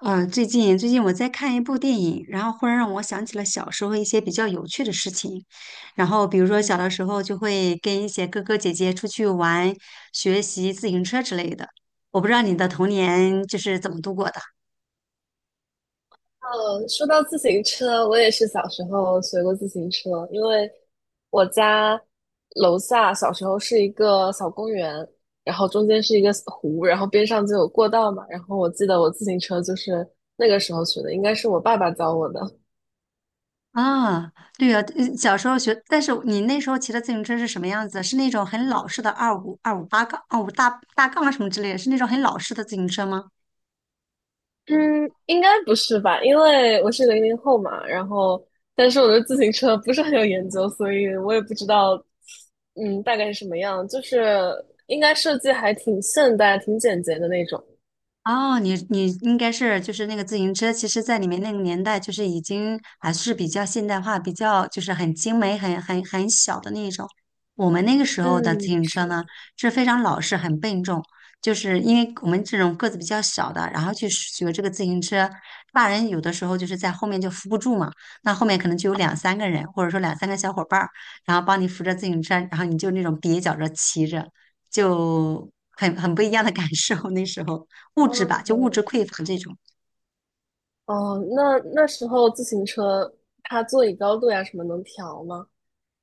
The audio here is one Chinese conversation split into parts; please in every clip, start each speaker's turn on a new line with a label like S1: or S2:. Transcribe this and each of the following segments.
S1: 嗯，最近我在看一部电影，然后忽然让我想起了小时候一些比较有趣的事情。然后比如说小
S2: 嗯
S1: 的时候就会跟一些哥哥姐姐出去玩、学习自行车之类的。我不知道你的童年就是怎么度过的
S2: 呃，说到自行车，我也是小时候学过自行车，因为我家楼下小时候是一个小公园，然后中间是一个湖，然后边上就有过道嘛。然后我记得我自行车就是那个时候学的，应该是我爸爸教我的。
S1: 啊？对呀，小时候学，但是你那时候骑的自行车是什么样子？是那种很老式的二五二五八杠、二五大大杠啊什么之类的，是那种很老式的自行车吗？
S2: 嗯，应该不是吧？因为我是00后嘛，然后但是我对自行车不是很有研究，所以我也不知道，嗯，大概是什么样。就是应该设计还挺现代、挺简洁的那种。
S1: 哦，你应该是就是那个自行车，其实在你们那个年代，就是已经还是比较现代化，比较就是很精美、很小的那一种。我们那个时候的自
S2: 嗯，
S1: 行车
S2: 是。
S1: 呢，是非常老式、很笨重，就是因为我们这种个子比较小的，然后去学这个自行车，大人有的时候就是在后面就扶不住嘛，那后面可能就有两三个人，或者说两三个小伙伴儿，然后帮你扶着自行车，然后你就那种蹩脚着骑着，就很不一样的感受那时候。物质吧，就物质
S2: 哦，
S1: 匮乏这种
S2: 哦，那时候自行车它座椅高度呀什么能调吗？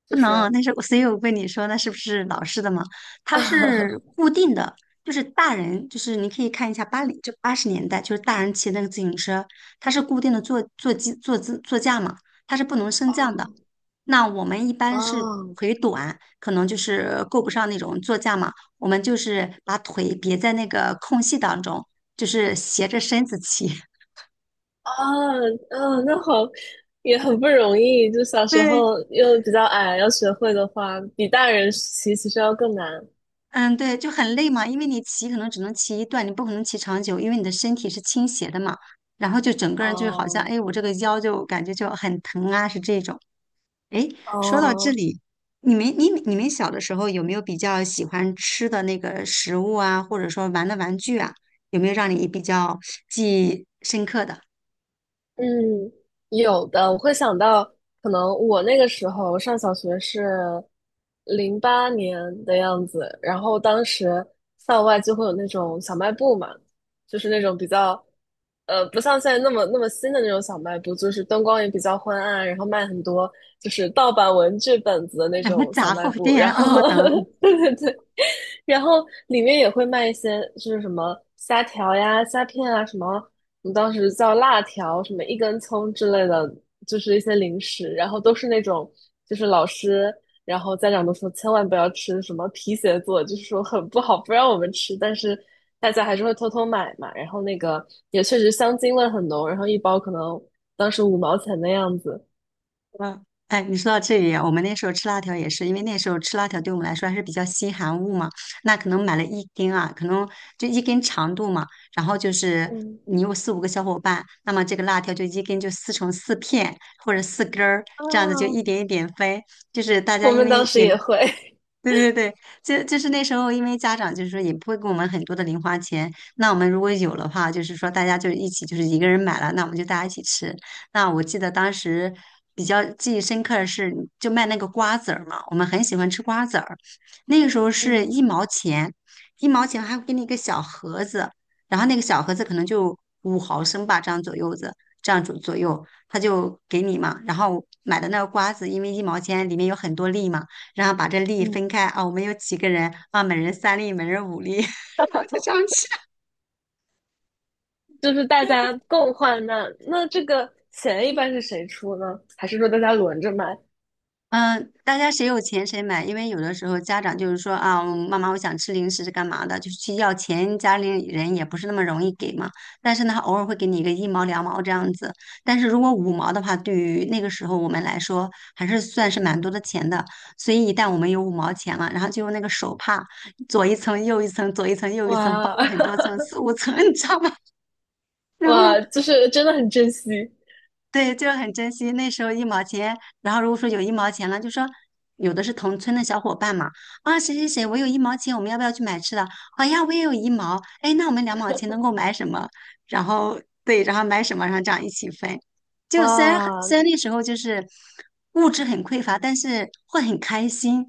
S2: 就
S1: 不
S2: 是，
S1: 能。但是所以我问你说，那是不是老式的嘛？它是 固定的，就是大人，就是你可以看一下80年代，就是大人骑那个自行车，它是固定的坐姿座驾嘛，它是不能升降的。
S2: 哦
S1: 那我们一般是
S2: 哦，
S1: 腿短，可能就是够不上那种座驾嘛，我们就是把腿别在那个空隙当中，就是斜着身子骑。
S2: 啊，嗯，那好，也很不容易。就小时
S1: 对，
S2: 候又比较矮，要学会的话，比大人骑期其实要更难。
S1: 嗯，对，就很累嘛，因为你骑可能只能骑一段，你不可能骑长久，因为你的身体是倾斜的嘛。然后就整个人就是好像，
S2: 哦，
S1: 哎，我这个腰就感觉就很疼啊，是这种。哎，说到这
S2: 哦，
S1: 里，你们小的时候有没有比较喜欢吃的那个食物啊，或者说玩的玩具啊，有没有让你比较记忆深刻的？
S2: 嗯，有的，我会想到，可能我那个时候上小学是2008年的样子，然后当时校外就会有那种小卖部嘛，就是那种比较，不像现在那么新的那种小卖部，就是灯光也比较昏暗，然后卖很多就是盗版文具本子的 那
S1: 然后
S2: 种小
S1: 杂
S2: 卖
S1: 货
S2: 部，
S1: 店
S2: 然
S1: 哦，
S2: 后
S1: 懂。
S2: 对，然后里面也会卖一些，就是什么虾条呀、虾片啊，什么我们当时叫辣条，什么一根葱之类的，就是一些零食。然后都是那种，就是老师，然后家长都说千万不要吃什么皮鞋做，就是说很不好，不让我们吃。但是大家还是会偷偷买嘛。然后那个也确实香精味很浓，然后一包可能当时五毛钱的样子。
S1: 嗯，哎，你说到这里啊，我们那时候吃辣条也是，因为那时候吃辣条对我们来说还是比较稀罕物嘛，那可能买了一根啊，可能就一根长度嘛，然后就是
S2: 嗯，
S1: 你有四五个小伙伴，那么这个辣条就一根就撕成四片或者四根儿，
S2: 啊，
S1: 这样子就一点一点分，就是大家
S2: 我
S1: 因
S2: 们当
S1: 为
S2: 时
S1: 也
S2: 也会。
S1: 对对对，就是那时候，因为家长就是说也不会给我们很多的零花钱，那我们如果有的话，就是说大家就一起，就是一个人买了，那我们就大家一起吃。那我记得当时比较记忆深刻的是，就卖那个瓜子儿嘛，我们很喜欢吃瓜子儿，那个时候是
S2: 嗯
S1: 一毛钱，一毛钱还会给你一个小盒子，然后那个小盒子可能就5毫升吧，这样左右子，这样左右，他就给你嘛。然后买的那个瓜子，因为一毛钱里面有很多粒嘛。然后把这粒
S2: 嗯，
S1: 分开啊，我们有几个人啊，每人三粒，每人五粒，然后就这样吃。
S2: 就是大家共患难。那这个钱一般是谁出呢？还是说大家轮着买？
S1: 嗯，大家谁有钱谁买，因为有的时候家长就是说啊，妈妈我想吃零食是干嘛的，就是去要钱，家里人也不是那么容易给嘛。但是呢，他偶尔会给你一个一毛两毛这样子，但是如果五毛的话，对于那个时候我们来说还是算是蛮多的
S2: 嗯，
S1: 钱的。所以一旦我们有五毛钱了，然后就用那个手帕左一层右一层，左一层右一层，包
S2: 哇
S1: 了很多层，四五层，你知道吗？然后
S2: 哇，就是真的很珍惜，
S1: 对，就是很珍惜那时候一毛钱。然后如果说有一毛钱了，就说有的是同村的小伙伴嘛，啊，谁谁谁，我有一毛钱，我们要不要去买吃的？好呀，我也有一毛，哎，那我们2毛钱能够买什么？然后对，然后买什么，然后这样一起分。就虽然很
S2: 哇！
S1: 虽然那时候就是物质很匮乏，但是会很开心。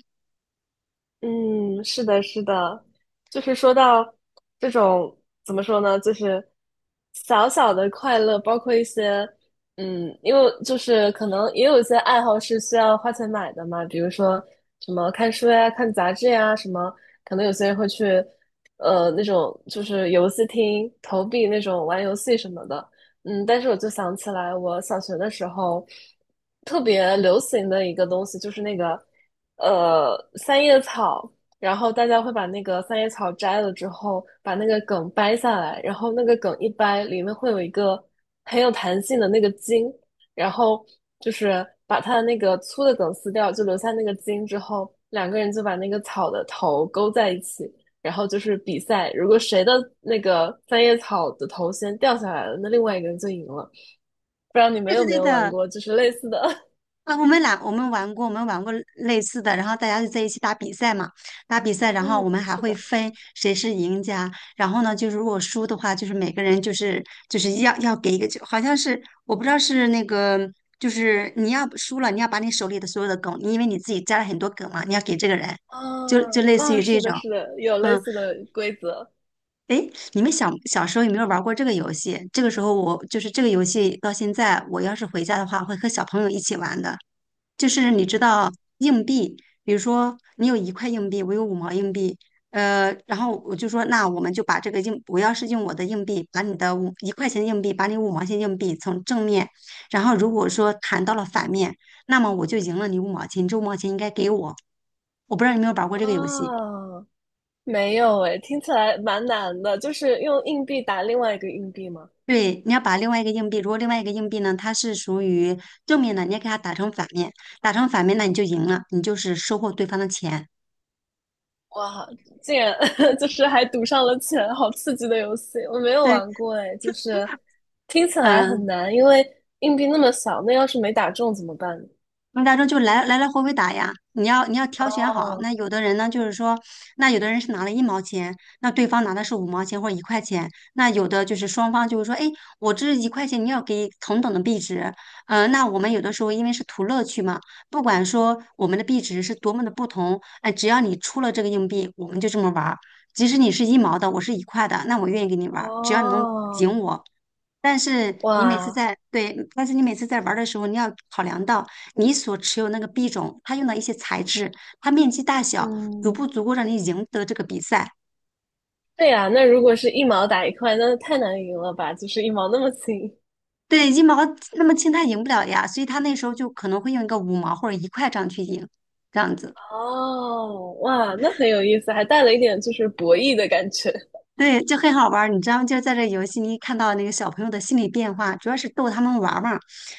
S2: 嗯，是的，是的，就是说到这种怎么说呢，就是小小的快乐，包括一些因为就是可能也有一些爱好是需要花钱买的嘛，比如说什么看书呀、看杂志呀，什么可能有些人会去那种就是游戏厅投币那种玩游戏什么的，嗯，但是我就想起来，我小学的时候特别流行的一个东西就是那个三叶草，然后大家会把那个三叶草摘了之后，把那个梗掰下来，然后那个梗一掰，里面会有一个很有弹性的那个筋，然后就是把它的那个粗的梗撕掉，就留下那个筋之后，两个人就把那个草的头勾在一起，然后就是比赛，如果谁的那个三叶草的头先掉下来了，那另外一个人就赢了。不知道你们
S1: 对
S2: 有
S1: 对
S2: 没
S1: 对
S2: 有玩
S1: 的，
S2: 过，就是类似的。
S1: 啊，我们玩过，我们玩过类似的，然后大家就在一起打比赛嘛，打比赛，然后我们
S2: 嗯，
S1: 还
S2: 是
S1: 会
S2: 的，
S1: 分谁是赢家，然后呢，就是如果输的话，就是每个人就是要给一个就好像是我不知道是那个，就是你要输了，你要把你手里的所有的梗，你因为你自己加了很多梗嘛，你要给这个人，
S2: 啊，
S1: 就类似
S2: 啊，
S1: 于这
S2: 是
S1: 种，
S2: 的，是的，有类
S1: 嗯。
S2: 似的规则。
S1: 诶，你们小时候有没有玩过这个游戏？这个时候我就是这个游戏到现在，我要是回家的话，会和小朋友一起玩的。就是你知
S2: 嗯，
S1: 道硬币，比如说你有一块硬币，我有五毛硬币，呃，然后我就说那我们就把这个硬，我要是用我的硬币把你的五一块钱硬币，把你五毛钱硬币从正面，然后如果说弹到了反面，那么我就赢了你五毛钱，你这五毛钱应该给我。我不知道你有没有玩过这个游戏。
S2: 啊，没有诶，听起来蛮难的，就是用硬币打另外一个硬币吗？
S1: 对，你要把另外一个硬币，如果另外一个硬币呢，它是属于正面的，你要给它打成反面，打成反面，那你就赢了，你就是收获对方的钱。
S2: 哇，竟然 就是还赌上了钱，好刺激的游戏！我没有
S1: 对，
S2: 玩过哎，就是 听起来
S1: 嗯、
S2: 很难，因为硬币那么小，那要是没打中怎么办呢，
S1: 那大众就来回回打呀，你要挑选好。
S2: 哦
S1: 那有的人呢，就是说，那有的人是拿了一毛钱，那对方拿的是五毛钱或者一块钱，那有的就是双方就是说，哎，我这一块钱你要给同等的币值，呃，那我们有的时候因为是图乐趣嘛，不管说我们的币值是多么的不同，哎，只要你出了这个硬币，我们就这么玩儿。即使你是一毛的，我是一块的，那我愿意跟你玩儿，只要你能
S2: 哦，
S1: 赢我。但是你每次
S2: 哇，
S1: 在，对，但是你每次在玩儿的时候，你要考量到。你所持有那个币种，它用的一些材质，它面积大小，足
S2: 嗯，
S1: 不足够让你赢得这个比赛？
S2: 对呀，那如果是一毛打一块，那太难赢了吧？就是一毛那么轻。
S1: 对，一毛那么轻，它赢不了呀，所以他那时候就可能会用一个五毛或者一块这样去赢，这样子。
S2: 哦，哇，那很有意思，还带了一点就是博弈的感觉。
S1: 对，就很好玩儿，你知道吗？就是在这游戏里看到那个小朋友的心理变化，主要是逗他们玩儿嘛，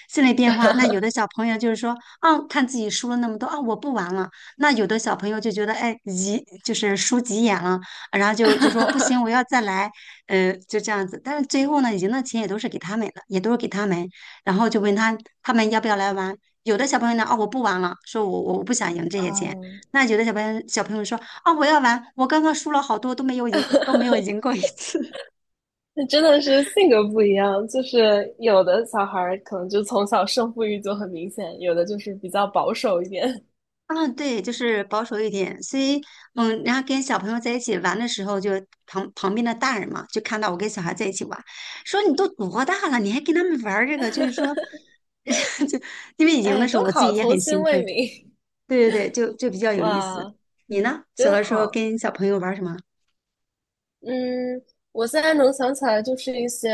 S1: 心理变化。那有的 小朋友就是说，啊，看自己输了那么多，啊，我不玩了。那有的小朋友就觉得，哎，急，就是输急眼了，然后就说不行，我要再来，呃，就这样子。但是最后呢，赢的钱也都是给他们的，也都是给他们。然后就问他他们要不要来玩。有的小朋友呢，哦，我不玩了，说我不想赢这些钱。
S2: 嗯。
S1: 那有的小朋友说。啊，我要玩！我刚刚输了好多，都没有赢，都没有 赢过一次。
S2: 那真的是性格不一样，就是有的小孩儿可能就从小胜负欲就很明显，有的就是比较保守一点。
S1: 啊，对，就是保守一点。所以，嗯，然后跟小朋友在一起玩的时候，就旁边的大人嘛，就看到我跟小孩在一起玩，说你都多大了，你还跟他们玩儿这个？就是说，就因为 赢
S2: 哎，
S1: 的时候，
S2: 多
S1: 我自
S2: 好，
S1: 己也
S2: 童
S1: 很
S2: 心
S1: 兴
S2: 未
S1: 奋。
S2: 泯，
S1: 对对对，就比较 有意思。
S2: 哇，
S1: 你呢？小
S2: 真
S1: 的时候
S2: 好。
S1: 跟小朋友玩儿什么？
S2: 嗯，我现在能想起来就是一些，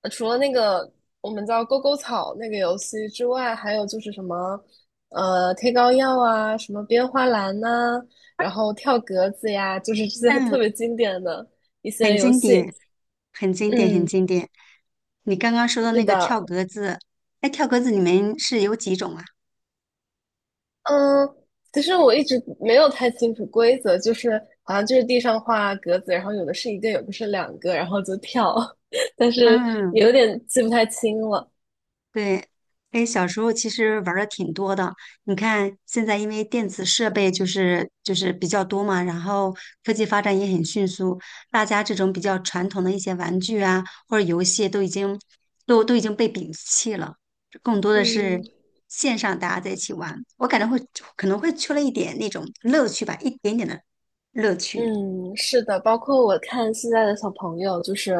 S2: 除了那个我们叫勾勾草那个游戏之外，还有就是什么，贴膏药啊，什么编花篮呐、然后跳格子呀，就是这些
S1: 嗯。
S2: 特别经典的一
S1: 很
S2: 些游
S1: 经
S2: 戏。
S1: 典，很经典，很
S2: 嗯，
S1: 经典。你刚刚说的
S2: 是
S1: 那个跳
S2: 的，
S1: 格子，哎，跳格子你们是有几种啊？
S2: 嗯，其实我一直没有太清楚规则，就是好像就是地上画格子，然后有的是一个，有的是两个，然后就跳，但是
S1: 嗯，
S2: 有点记不太清了。
S1: 对，哎，小时候其实玩的挺多的。你看，现在因为电子设备就是比较多嘛，然后科技发展也很迅速，大家这种比较传统的一些玩具啊或者游戏都已经都已经被摒弃了，更多的是
S2: 嗯。
S1: 线上大家在一起玩。我感觉会可能会缺了一点那种乐趣吧，一点点的乐趣。
S2: 嗯，是的，包括我看现在的小朋友，就是，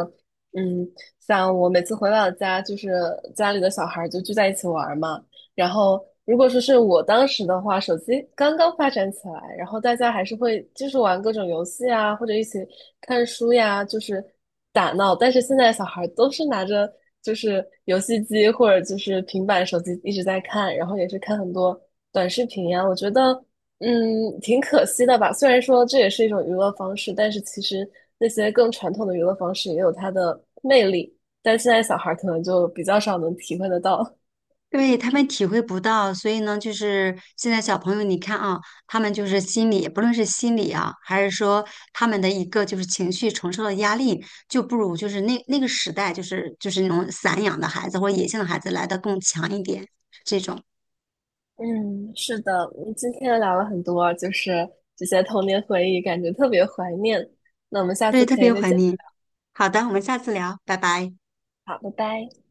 S2: 嗯，像我每次回老家，就是家里的小孩儿就聚在一起玩儿嘛。然后，如果说是我当时的话，手机刚刚发展起来，然后大家还是会就是玩各种游戏啊，或者一起看书呀，就是打闹。但是现在小孩儿都是拿着就是游戏机或者就是平板、手机一直在看，然后也是看很多短视频呀。我觉得，嗯，挺可惜的吧。虽然说这也是一种娱乐方式，但是其实那些更传统的娱乐方式也有它的魅力，但现在小孩儿可能就比较少能体会得到。
S1: 对，他们体会不到，所以呢，就是现在小朋友，你看啊，他们就是心理，不论是心理啊，还是说他们的一个就是情绪承受的压力，就不如就是那个时代，就是那种散养的孩子或者野性的孩子来的更强一点，这种，
S2: 嗯，是的，嗯，今天聊了很多，就是这些童年回忆，感觉特别怀念。那我们下
S1: 对，
S2: 次
S1: 特
S2: 可
S1: 别
S2: 以再
S1: 怀
S2: 见，
S1: 念。好的，我们下次聊，拜拜。
S2: 好，拜拜。